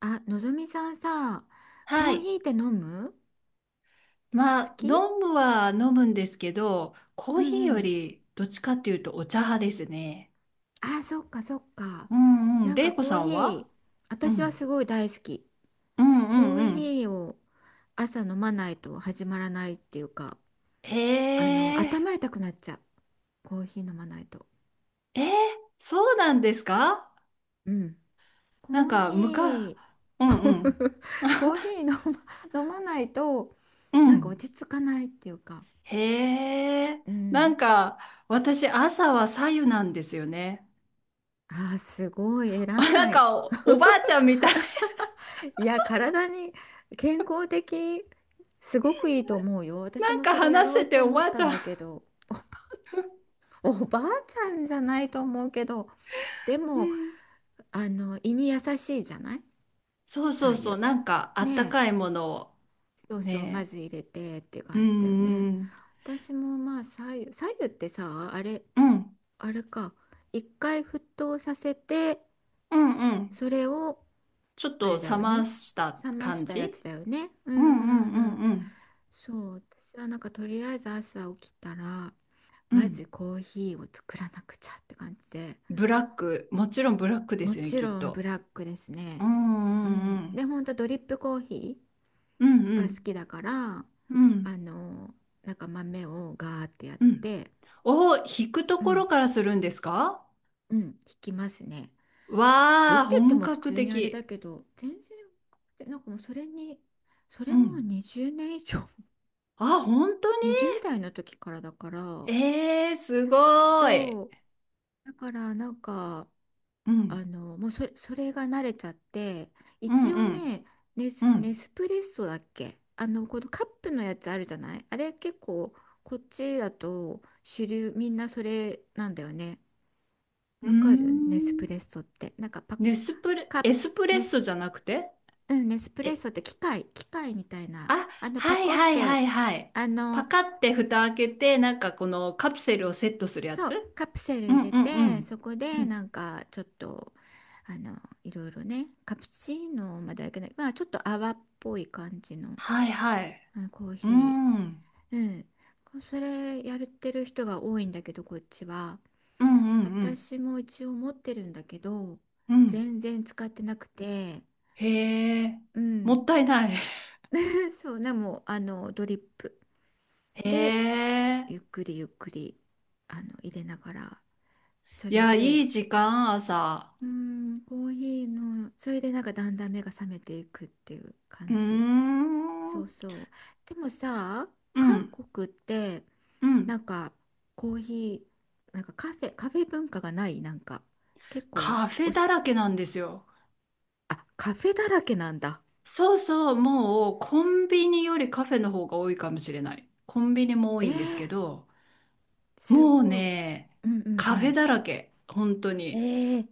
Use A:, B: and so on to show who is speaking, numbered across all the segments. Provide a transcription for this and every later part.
A: あ、のぞみさんさ、コ
B: は
A: ー
B: い。
A: ヒーって飲む？
B: ま
A: 好
B: あ、飲
A: き？
B: むは飲むんですけど、コ
A: う
B: ーヒー
A: んう
B: よ
A: ん。
B: りどっちかっていうとお茶派ですね。
A: あ、そっかそっか。
B: うんうん。
A: なんか
B: れいこ
A: コ
B: さ
A: ーヒ
B: んは？
A: ー、
B: う
A: 私は
B: ん。
A: すごい大好き。
B: うんう
A: コ
B: ん
A: ー
B: うん。
A: ヒーを朝飲まないと始まらないっていうか、
B: へえ。
A: 頭痛くなっちゃう。コーヒー飲まないと。
B: えー、そうなんですか？
A: うん。コ
B: なん
A: ーヒ
B: か、
A: ー、
B: う
A: コ
B: んうん。
A: ー コーヒー 飲ま、飲まないと、
B: う
A: なんか
B: ん。
A: 落ち着かないっていうか。
B: へえ。
A: う
B: な
A: ん。
B: んか、私、朝は白湯なんですよね。
A: あー、すごい
B: な
A: 偉
B: ん
A: い。
B: かおばあちゃんみたい。
A: いや、体に健康的、すごくいいと思うよ。私
B: なん
A: も
B: か
A: それや
B: 話
A: ろ
B: し
A: う
B: てて
A: と
B: お
A: 思
B: ば
A: っ
B: あち
A: たん
B: ゃ
A: だ
B: ん。
A: けど、おばあちゃんじゃないと思うけど、で
B: う
A: も、
B: ん。
A: 胃に優しいじゃない、
B: そうそ
A: 白
B: うそう、
A: 湯。
B: なんかあ
A: ね
B: った
A: え。
B: かいものを
A: そうそう、ま
B: ね、
A: ず入れてって
B: う
A: 感じだよ
B: ん
A: ね。
B: うん、
A: 私もまあ白湯、白湯ってさ、あれ、
B: うん
A: あれか。一回沸騰させて、
B: うんうん、
A: それを、
B: ちょっ
A: あれ
B: と
A: だ
B: 冷
A: よ
B: ま
A: ね。
B: した
A: 冷ま
B: 感
A: したやつ
B: じ。
A: だよね。うんう
B: うんう
A: んう
B: ん
A: ん
B: う
A: うん。
B: んうん
A: そう、私はなんかとりあえず朝起きたら、
B: う
A: ま
B: ん。
A: ずコーヒーを作らなくちゃって感じで、
B: ブラック、もちろんブラックで
A: も
B: すよね、
A: ち
B: きっ
A: ろんブ
B: と。
A: ラックですね。
B: う
A: う
B: んう
A: ん。
B: ん
A: で、ほんとドリップコーヒ
B: うん、う
A: ー
B: んう
A: が好
B: ん
A: きだから、
B: うん
A: あの、なんか豆をガーってやっ
B: うん。
A: て、
B: 引くと
A: う
B: こ
A: ん、
B: ろからするんですか？
A: うん、引きますね。引くっ
B: わあ、
A: て言って
B: 本
A: も普
B: 格
A: 通にあれだ
B: 的。
A: けど、全然、でなんかもうそれに、そ
B: う
A: れもう
B: ん。
A: 20年以上、
B: あ、本当に？
A: 20代の時からだから、
B: えー、すごい。
A: そう。だからなんか、
B: うん
A: もうそれが慣れちゃって、
B: うん
A: 一
B: う
A: 応
B: ん
A: ね、ネス、
B: う
A: ネ
B: ん。
A: スプレッソだっけ、このカップのやつあるじゃない、あれ結構、こっちだと主流、みんなそれなんだよね。
B: うー
A: わかる？ネスプレッ
B: ん。
A: ソって。なんかパッ、
B: ネスプレ、
A: カップ、
B: エスプレッ
A: ネ
B: ソ
A: ス、
B: じゃなくて？
A: うん、ネスプレッ
B: え、
A: ソって機械みたいな。
B: あ、
A: パ
B: はい
A: コっ
B: はいは
A: て、
B: いはい。
A: あ
B: パ
A: の、
B: カって蓋開けて、なんかこのカプセルをセットするや
A: そ
B: つ？
A: う、カプセル
B: う
A: 入
B: ん
A: れ
B: うんう
A: て、そ
B: ん。
A: こ
B: う
A: でな
B: ん。
A: んかちょっと、あの、いろいろね、カプチーノまではいけない、まあちょっと泡っぽい感じの、
B: はいはい。
A: コー
B: う
A: ヒ
B: ん。うん
A: ー。うん。こそれやってる人が多いんだけど、こっちは。
B: うんうん
A: 私も一応持ってるんだけど、
B: うん。
A: 全然使ってなくて、
B: へえ。
A: う
B: も
A: ん。
B: ったいない。
A: そうね、でも、ドリップ
B: へ
A: で、
B: え。
A: ゆっくりゆっくり、入れながら、そ
B: い
A: れ
B: や、
A: で
B: いい時間、朝。
A: うん、コーヒーの、それでなんかだんだん目が覚めていくっていう
B: う
A: 感
B: ー
A: じ。そ
B: ん。
A: うそう。でもさ、
B: う
A: 韓
B: ん。
A: 国って
B: う
A: な
B: ん。
A: んかコーヒー、カフェ文化がないなんか結構、
B: カフ
A: お
B: ェだ
A: し、
B: らけなんですよ。
A: あ、カフェだらけなんだ。
B: そうそう、もうコンビニよりカフェの方が多いかもしれない。コンビニも多
A: え
B: いんです
A: ー、
B: けど、
A: す
B: もう
A: ごい。
B: ね、
A: うんう
B: カフェ
A: ん
B: だらけ、本当
A: うん。
B: に。
A: えー、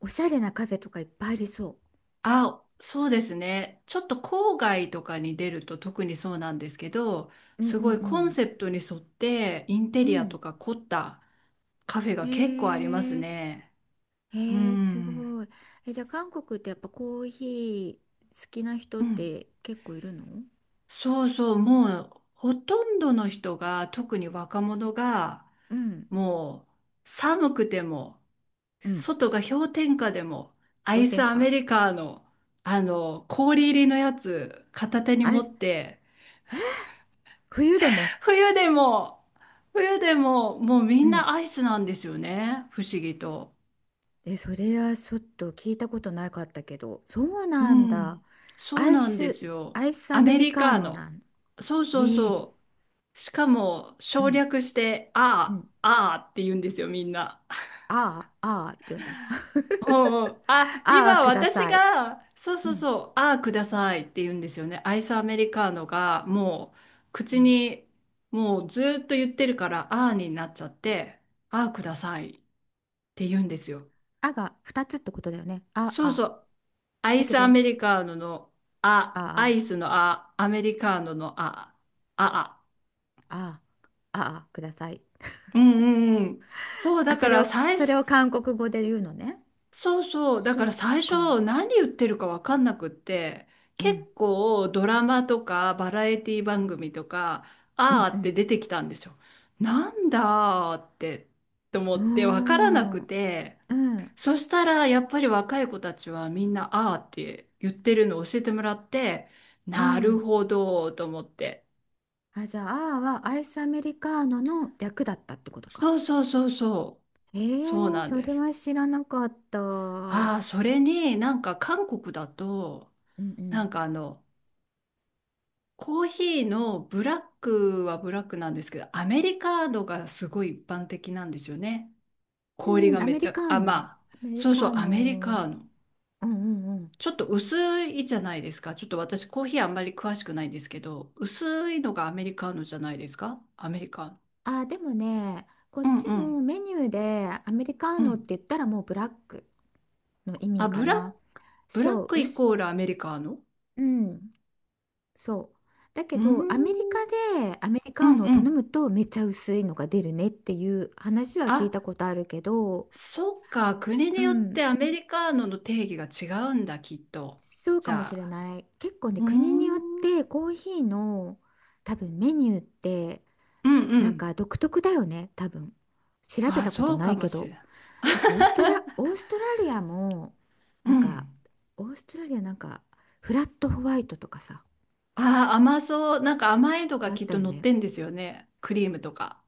A: おしゃれなカフェとかいっぱいありそ
B: あ、そうですね。ちょっと郊外とかに出ると特にそうなんですけど、
A: う。うん
B: す
A: う
B: ご
A: ん
B: い
A: う
B: コン
A: ん。
B: セプトに沿ってインテ
A: う
B: リア
A: ん。
B: とか凝ったカフェ
A: え
B: が結構あります
A: ー、
B: ね。う
A: へえ、す
B: ん。
A: ごい。え、じゃあ韓国ってやっぱコーヒー好きな人っ
B: うん。
A: て結構いるの？
B: そうそう、もうほとんどの人が、特に若者が、
A: うん、
B: もう寒くても、
A: うん。
B: 外が氷点下でもア
A: 氷
B: イ
A: 点
B: スアメ
A: 下。
B: リカーの、あの氷入りのやつ片手に
A: あ
B: 持
A: れ、
B: って、
A: 冬でも。
B: 冬でも、冬でももうみ
A: う
B: ん
A: ん。
B: なアイスなんですよね、不思議と。
A: え、それはちょっと聞いたことなかったけど、そう
B: う
A: なんだ。
B: ん。そ
A: ア
B: う
A: イ
B: なんで
A: ス、
B: す
A: ア
B: よ、
A: イスア
B: ア
A: メ
B: メ
A: リ
B: リ
A: カー
B: カー
A: ノな
B: ノ。
A: ん。
B: そうそう
A: ええ、
B: そう、しかも
A: う
B: 省
A: ん、
B: 略して
A: う
B: あ
A: ん。
B: あああって言うんですよ、みんな。
A: ああ、ああって言うんだ。
B: うんうん、あ、
A: ああ、
B: 今
A: くだ
B: 私
A: さい。
B: が、そう
A: う
B: そう
A: ん、
B: そう、ああ、くださいって言うんですよね。アイスアメリカーノがもう
A: う
B: 口
A: ん。
B: に、もうずーっと言ってるから、ああになっちゃって、ああ、くださいって言うんですよ。
A: あが2つってことだよね。あ
B: そう
A: あ。
B: そう、ア
A: だ
B: イ
A: け
B: スア
A: ど、
B: メリカーノのあ、ア
A: あ
B: イスのあ、アメリカーノのあ、あ、あ。
A: あ、ああ、ああ、ください。
B: うんうんうん。そう、
A: あ、
B: だ
A: そ
B: か
A: れ
B: ら
A: を、
B: 最
A: それ
B: 初、
A: を韓国語で言うのね。
B: そうそう。だか
A: そ
B: ら
A: う
B: 最
A: か。
B: 初何言ってるかわかんなくって、
A: う
B: 結
A: ん。
B: 構ドラマとかバラエティ番組とか、
A: う
B: あー
A: んう
B: って
A: ん。
B: 出てきたんですよ。なんだーって、と思って
A: う
B: わからな
A: ー
B: く
A: ん。
B: て、
A: うん。
B: そしたらやっぱり若い子たちはみんなあーって言ってるのを教えてもらって、
A: う
B: なる
A: ん。
B: ほどーと思って。
A: あ、じゃあ、あーはアイスアメリカーノの略だったってことか。
B: そうそうそうそ
A: え
B: う。そう
A: ー、
B: なん
A: そ
B: で
A: れ
B: す。
A: は知らなかった。うん
B: ああ、それになんか韓国だと、
A: う
B: な
A: ん。
B: んかあの、コーヒーのブラックはブラックなんですけど、アメリカードがすごい一般的なんですよね。氷
A: う
B: が
A: ん、ア
B: めっ
A: メ
B: ち
A: リ
B: ゃ、
A: カー
B: あ、
A: ノ。
B: まあ、
A: アメリ
B: そうそ
A: カ
B: う、
A: ー
B: アメリ
A: ノ。
B: カーノ。
A: うんうんうん。
B: ちょっと薄いじゃないですか。ちょっと私、コーヒーあんまり詳しくないんですけど、薄いのがアメリカーノじゃないですか。アメリカーノ。
A: あ、でもね、こ
B: う
A: っ
B: ん
A: ち
B: う
A: も
B: ん
A: メニューでアメリカー
B: う
A: ノって
B: ん。
A: 言ったらもうブラックの意味
B: あ、
A: か
B: ブラッ
A: な。
B: ク、ブラッ
A: そう、
B: クイコールアメリカーノ？
A: うん。そう。だけ
B: うー
A: ど、アメリカ
B: ん、
A: でアメリ
B: う
A: カー
B: ん
A: ノを
B: う
A: 頼
B: ん。
A: むとめっちゃ薄いのが出るねっていう話は聞い
B: あ、
A: たことあるけど、
B: そっか。国
A: う
B: によっ
A: ん、
B: てアメリカーノの定義が違うんだ、きっと。
A: そうか
B: じ
A: もし
B: ゃ
A: れ
B: あ。
A: ない。結構ね、
B: うー
A: 国によって
B: ん。
A: コーヒーの多分メニューって
B: うんう
A: なん
B: ん。
A: か独特だよね、多分。調べ
B: あ、
A: たこと
B: そう
A: な
B: か
A: い
B: も
A: け
B: しれ
A: ど。
B: ない。
A: オーストラリアも、
B: う
A: なんか、
B: ん。
A: オーストラリアなんか、フラットホワイトとかさ、
B: あ、甘そう。なんか甘い
A: な
B: の
A: んか
B: が
A: あっ
B: きっ
A: た
B: と
A: よ
B: 乗っ
A: ね。
B: てんですよね。クリームとか。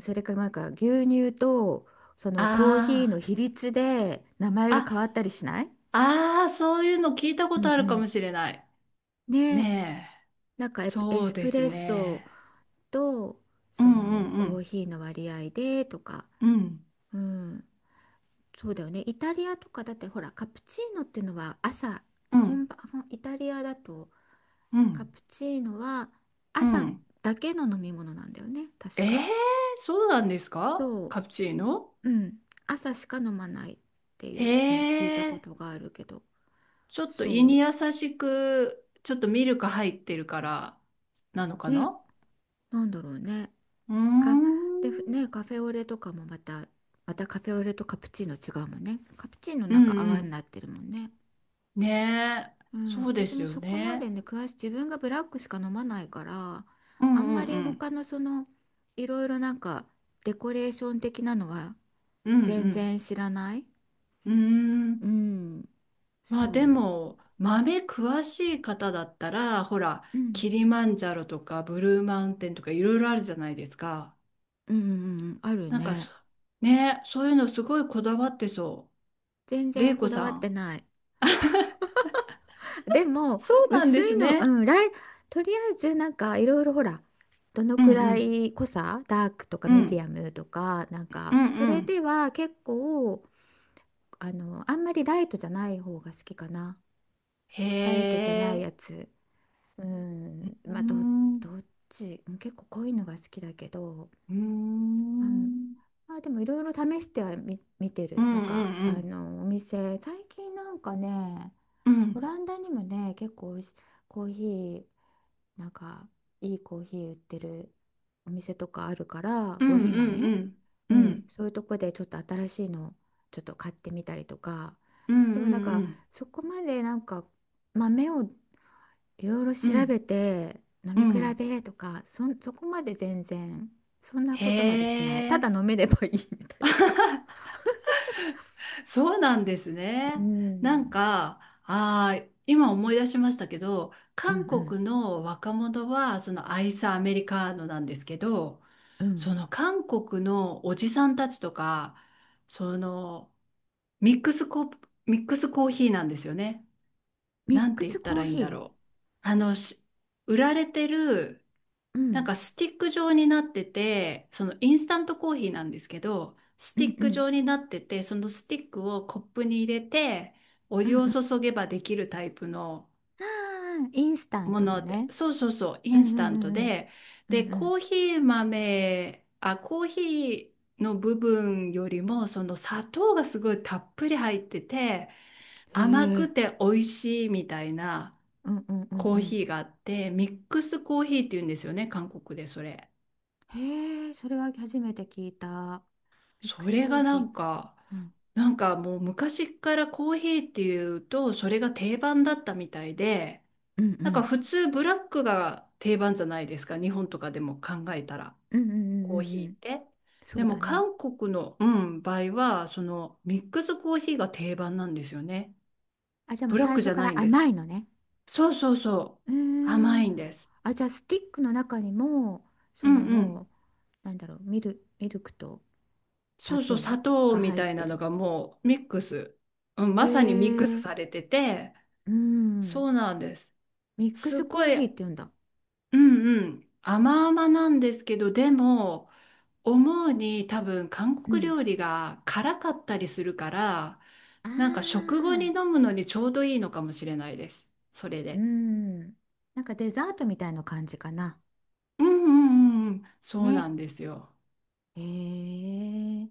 A: それからなんか牛乳とそのコーヒーの
B: あ
A: 比率で名前
B: あ。
A: が変
B: あ、
A: わったりしない？
B: ああ、そういうの聞いた
A: う
B: こと
A: ん
B: あ
A: う
B: るかも
A: ん。
B: しれない。
A: ね、
B: ね
A: なんか
B: え。
A: エ
B: そう
A: ス
B: で
A: プ
B: す
A: レッソ
B: ね。
A: と
B: う
A: そ
B: んう
A: の
B: んう
A: コー
B: ん。
A: ヒーの割合でとか、
B: うん
A: うん、そうだよね。イタリアとかだってほらカプチーノっていうのは朝、
B: うん
A: 本場、ほんイタリアだと
B: う
A: カ
B: ん
A: プチーノは
B: う
A: 朝
B: ん。
A: だけの飲み物なんだよね、確
B: え
A: か。
B: え、そうなんですか、
A: そ
B: カプチーノ？
A: う、うん、朝しか飲まないっていうのを聞いた
B: へ。
A: こ
B: え。
A: とがあるけど。
B: ちょっと胃に
A: そ
B: 優しく、ちょっとミルク入ってるからなの
A: う
B: か
A: ね、
B: な？
A: なんだろうね、
B: うー
A: かでふ
B: ん。
A: ねカフェオレとかもまた、またカフェオレとカプチーノ違うもんね、カプチーノ
B: う
A: なん
B: ん
A: か
B: う
A: 泡に
B: ん。
A: なってるもんね。
B: ねえ。
A: うん、
B: そうで
A: 私
B: す
A: も
B: よ
A: そこまで
B: ね。
A: ね詳しい、自分がブラックしか飲まないから、
B: う
A: あ
B: ん
A: ん
B: うん
A: まり
B: うん。
A: 他のそのいろいろなんかデコレーション的なのは
B: う
A: 全
B: ん
A: 然知らない。
B: うん。うー
A: う
B: ん。
A: ん、
B: ま
A: そ
B: あで
A: う、
B: も、豆詳しい方だったら、ほら、
A: うん
B: キリマンジャロとかブルーマウンテンとかいろいろあるじゃないですか。
A: うんうんうん、ある
B: なんか
A: ね。
B: ねえ、そういうのすごいこだわってそ
A: 全
B: う。玲
A: 然
B: 子
A: こだわ
B: さ
A: って
B: ん。
A: ない。でも、
B: そうなん
A: 薄
B: で
A: い
B: す
A: の、
B: ね。
A: うん、とりあえずなんかいろいろほら、どの
B: うん
A: く
B: う
A: ら
B: ん。
A: い濃さ、ダークとか
B: う
A: ミディ
B: ん。
A: アムとか、なん
B: う
A: か、
B: ん
A: そ
B: う
A: れ
B: ん。
A: では結構、あんまりライトじゃない方が好きかな。
B: へ
A: ライトじゃない
B: え。
A: やつ。うん、
B: うー
A: まあ、ど、
B: ん、う
A: どっち、うん結構濃いのが好きだけど、
B: ー
A: うん、
B: ん、
A: まあでもいろいろ試しては見て
B: う
A: る。
B: ん
A: な
B: う
A: んか、
B: んうん。
A: お店、最近なんかね、
B: う
A: オ
B: ん
A: ランダにもね、結構おいし、コーヒー、なんかいいコーヒー売ってるお店とかあるから、
B: う
A: コー
B: ん
A: ヒー
B: うん
A: 豆、
B: うん。
A: う
B: う
A: ん、
B: ん
A: そういうとこでちょっと新しいのちょっと買ってみたりとか。
B: うん
A: でもなんか
B: うん
A: そこまでなんか豆をいろいろ
B: う
A: 調
B: ん
A: べて飲
B: う
A: み
B: んう
A: 比
B: ん。
A: べとか、そこまで全然そんな
B: へ
A: ことまでしない、ただ
B: え。
A: 飲めればいいみたいな。
B: そうなんです
A: う
B: ね。なん
A: ん、
B: か、今思い出しましたけど、
A: うん
B: 韓
A: うん
B: 国の若者は、そのアイスアメリカーノなんですけど、
A: うん、
B: その韓国のおじさんたちとか、そのミックスコ、ミックスコーヒーなんですよね。
A: ミッ
B: なん
A: ク
B: て言
A: ス
B: った
A: コー
B: らいいんだ
A: ヒ
B: ろう。あの、し売られてる、
A: ー、う
B: なん
A: ん、
B: かスティック状になってて、そのインスタントコーヒーなんですけど、ス
A: う
B: ティ
A: ん
B: ッ
A: う
B: ク
A: ん
B: 状になってて、そのスティックをコップに入れて、お
A: うん
B: 湯を
A: うん、
B: 注げばできるタイプの
A: あーインスタン
B: も
A: トの
B: ので、
A: ね、
B: そうそうそう、イ
A: う
B: ン
A: ん
B: ス
A: う
B: タント
A: んうんうん
B: で、
A: う
B: で、
A: んうん、
B: コーヒー豆、あ、コーヒーの部分よりも、その砂糖がすごいたっぷり入ってて、
A: へ
B: 甘く
A: え、
B: て美味しいみたいな、
A: うんうんうん
B: コ
A: う
B: ー
A: ん、
B: ヒーがあって、ミックスコーヒーって言うんですよね、韓国でそれ。
A: へえ、それは初めて聞いた、ミッ
B: そ
A: クス
B: れ
A: コー
B: が
A: ヒ
B: なんか、
A: ー、うん、
B: もう昔からコーヒーっていうと、それが定番だったみたいで、
A: うんう
B: なんか
A: ん
B: 普通ブラックが定番じゃないですか、日本とかでも考えたら、
A: うんうんうんう
B: コーヒ
A: んう
B: ーっ
A: ん、
B: て。
A: そ
B: で
A: う
B: も
A: だね、
B: 韓国の、うん、場合は、そのミックスコーヒーが定番なんですよね。
A: あじゃあもう
B: ブラッ
A: 最
B: クじ
A: 初
B: ゃ
A: か
B: ない
A: ら
B: んで
A: 甘
B: す。
A: いのね。
B: そうそうそう。
A: うー
B: 甘
A: ん、
B: いんです。
A: あじゃあスティックの中にも
B: う
A: そ
B: ん
A: の
B: う
A: も
B: ん。
A: うなんだろう、ミルクと砂
B: そうそう、
A: 糖
B: 砂糖
A: が
B: み
A: 入っ
B: たい
A: て
B: なの
A: る、
B: がもうミックス、うん、
A: へ
B: まさにミックス
A: え、
B: されてて、
A: うん、
B: そうなんです。
A: ミック
B: すっ
A: スコ
B: ご
A: ー
B: い、
A: ヒーって言うんだ、
B: うんうん、甘々なんですけど、でも、思うに多分韓
A: う
B: 国
A: ん、
B: 料理が辛かったりするから、
A: あ
B: なんか食後に
A: あ
B: 飲
A: ー、
B: むのにちょうどいいのかもしれないです。それ
A: う
B: で。
A: ん。なんかデザートみたいな感じかな。
B: うんうんうんうん、そう
A: ね。
B: なんですよ。
A: へえ。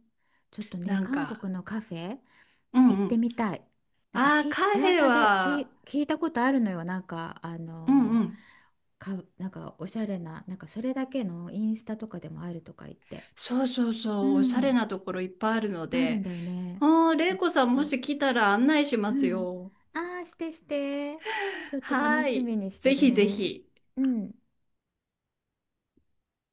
A: ちょっとね、
B: なん
A: 韓
B: か、
A: 国のカフェ
B: うん
A: 行っ
B: う
A: て
B: ん。
A: みたい。なんか
B: ああ、カフェ
A: 噂で
B: は、
A: 聞いたことあるのよ。なんか、あ
B: うん
A: の
B: うん。
A: ー、か、なんかおしゃれな、なんかそれだけのインスタとかでもあるとか言って。
B: そうそう
A: う
B: そう、おしゃ
A: ん。い
B: れ
A: っ
B: なところいっぱいあるの
A: ぱいあるん
B: で、
A: だよね。
B: ああ、
A: ち
B: 玲
A: ょっ
B: 子さんも
A: と。
B: し来たら案内しま
A: う
B: す
A: ん。
B: よ。
A: ああ、してして。ちょ っと楽
B: は
A: し
B: い。
A: みにして
B: ぜ
A: る
B: ひぜ
A: ね。
B: ひ。
A: うん。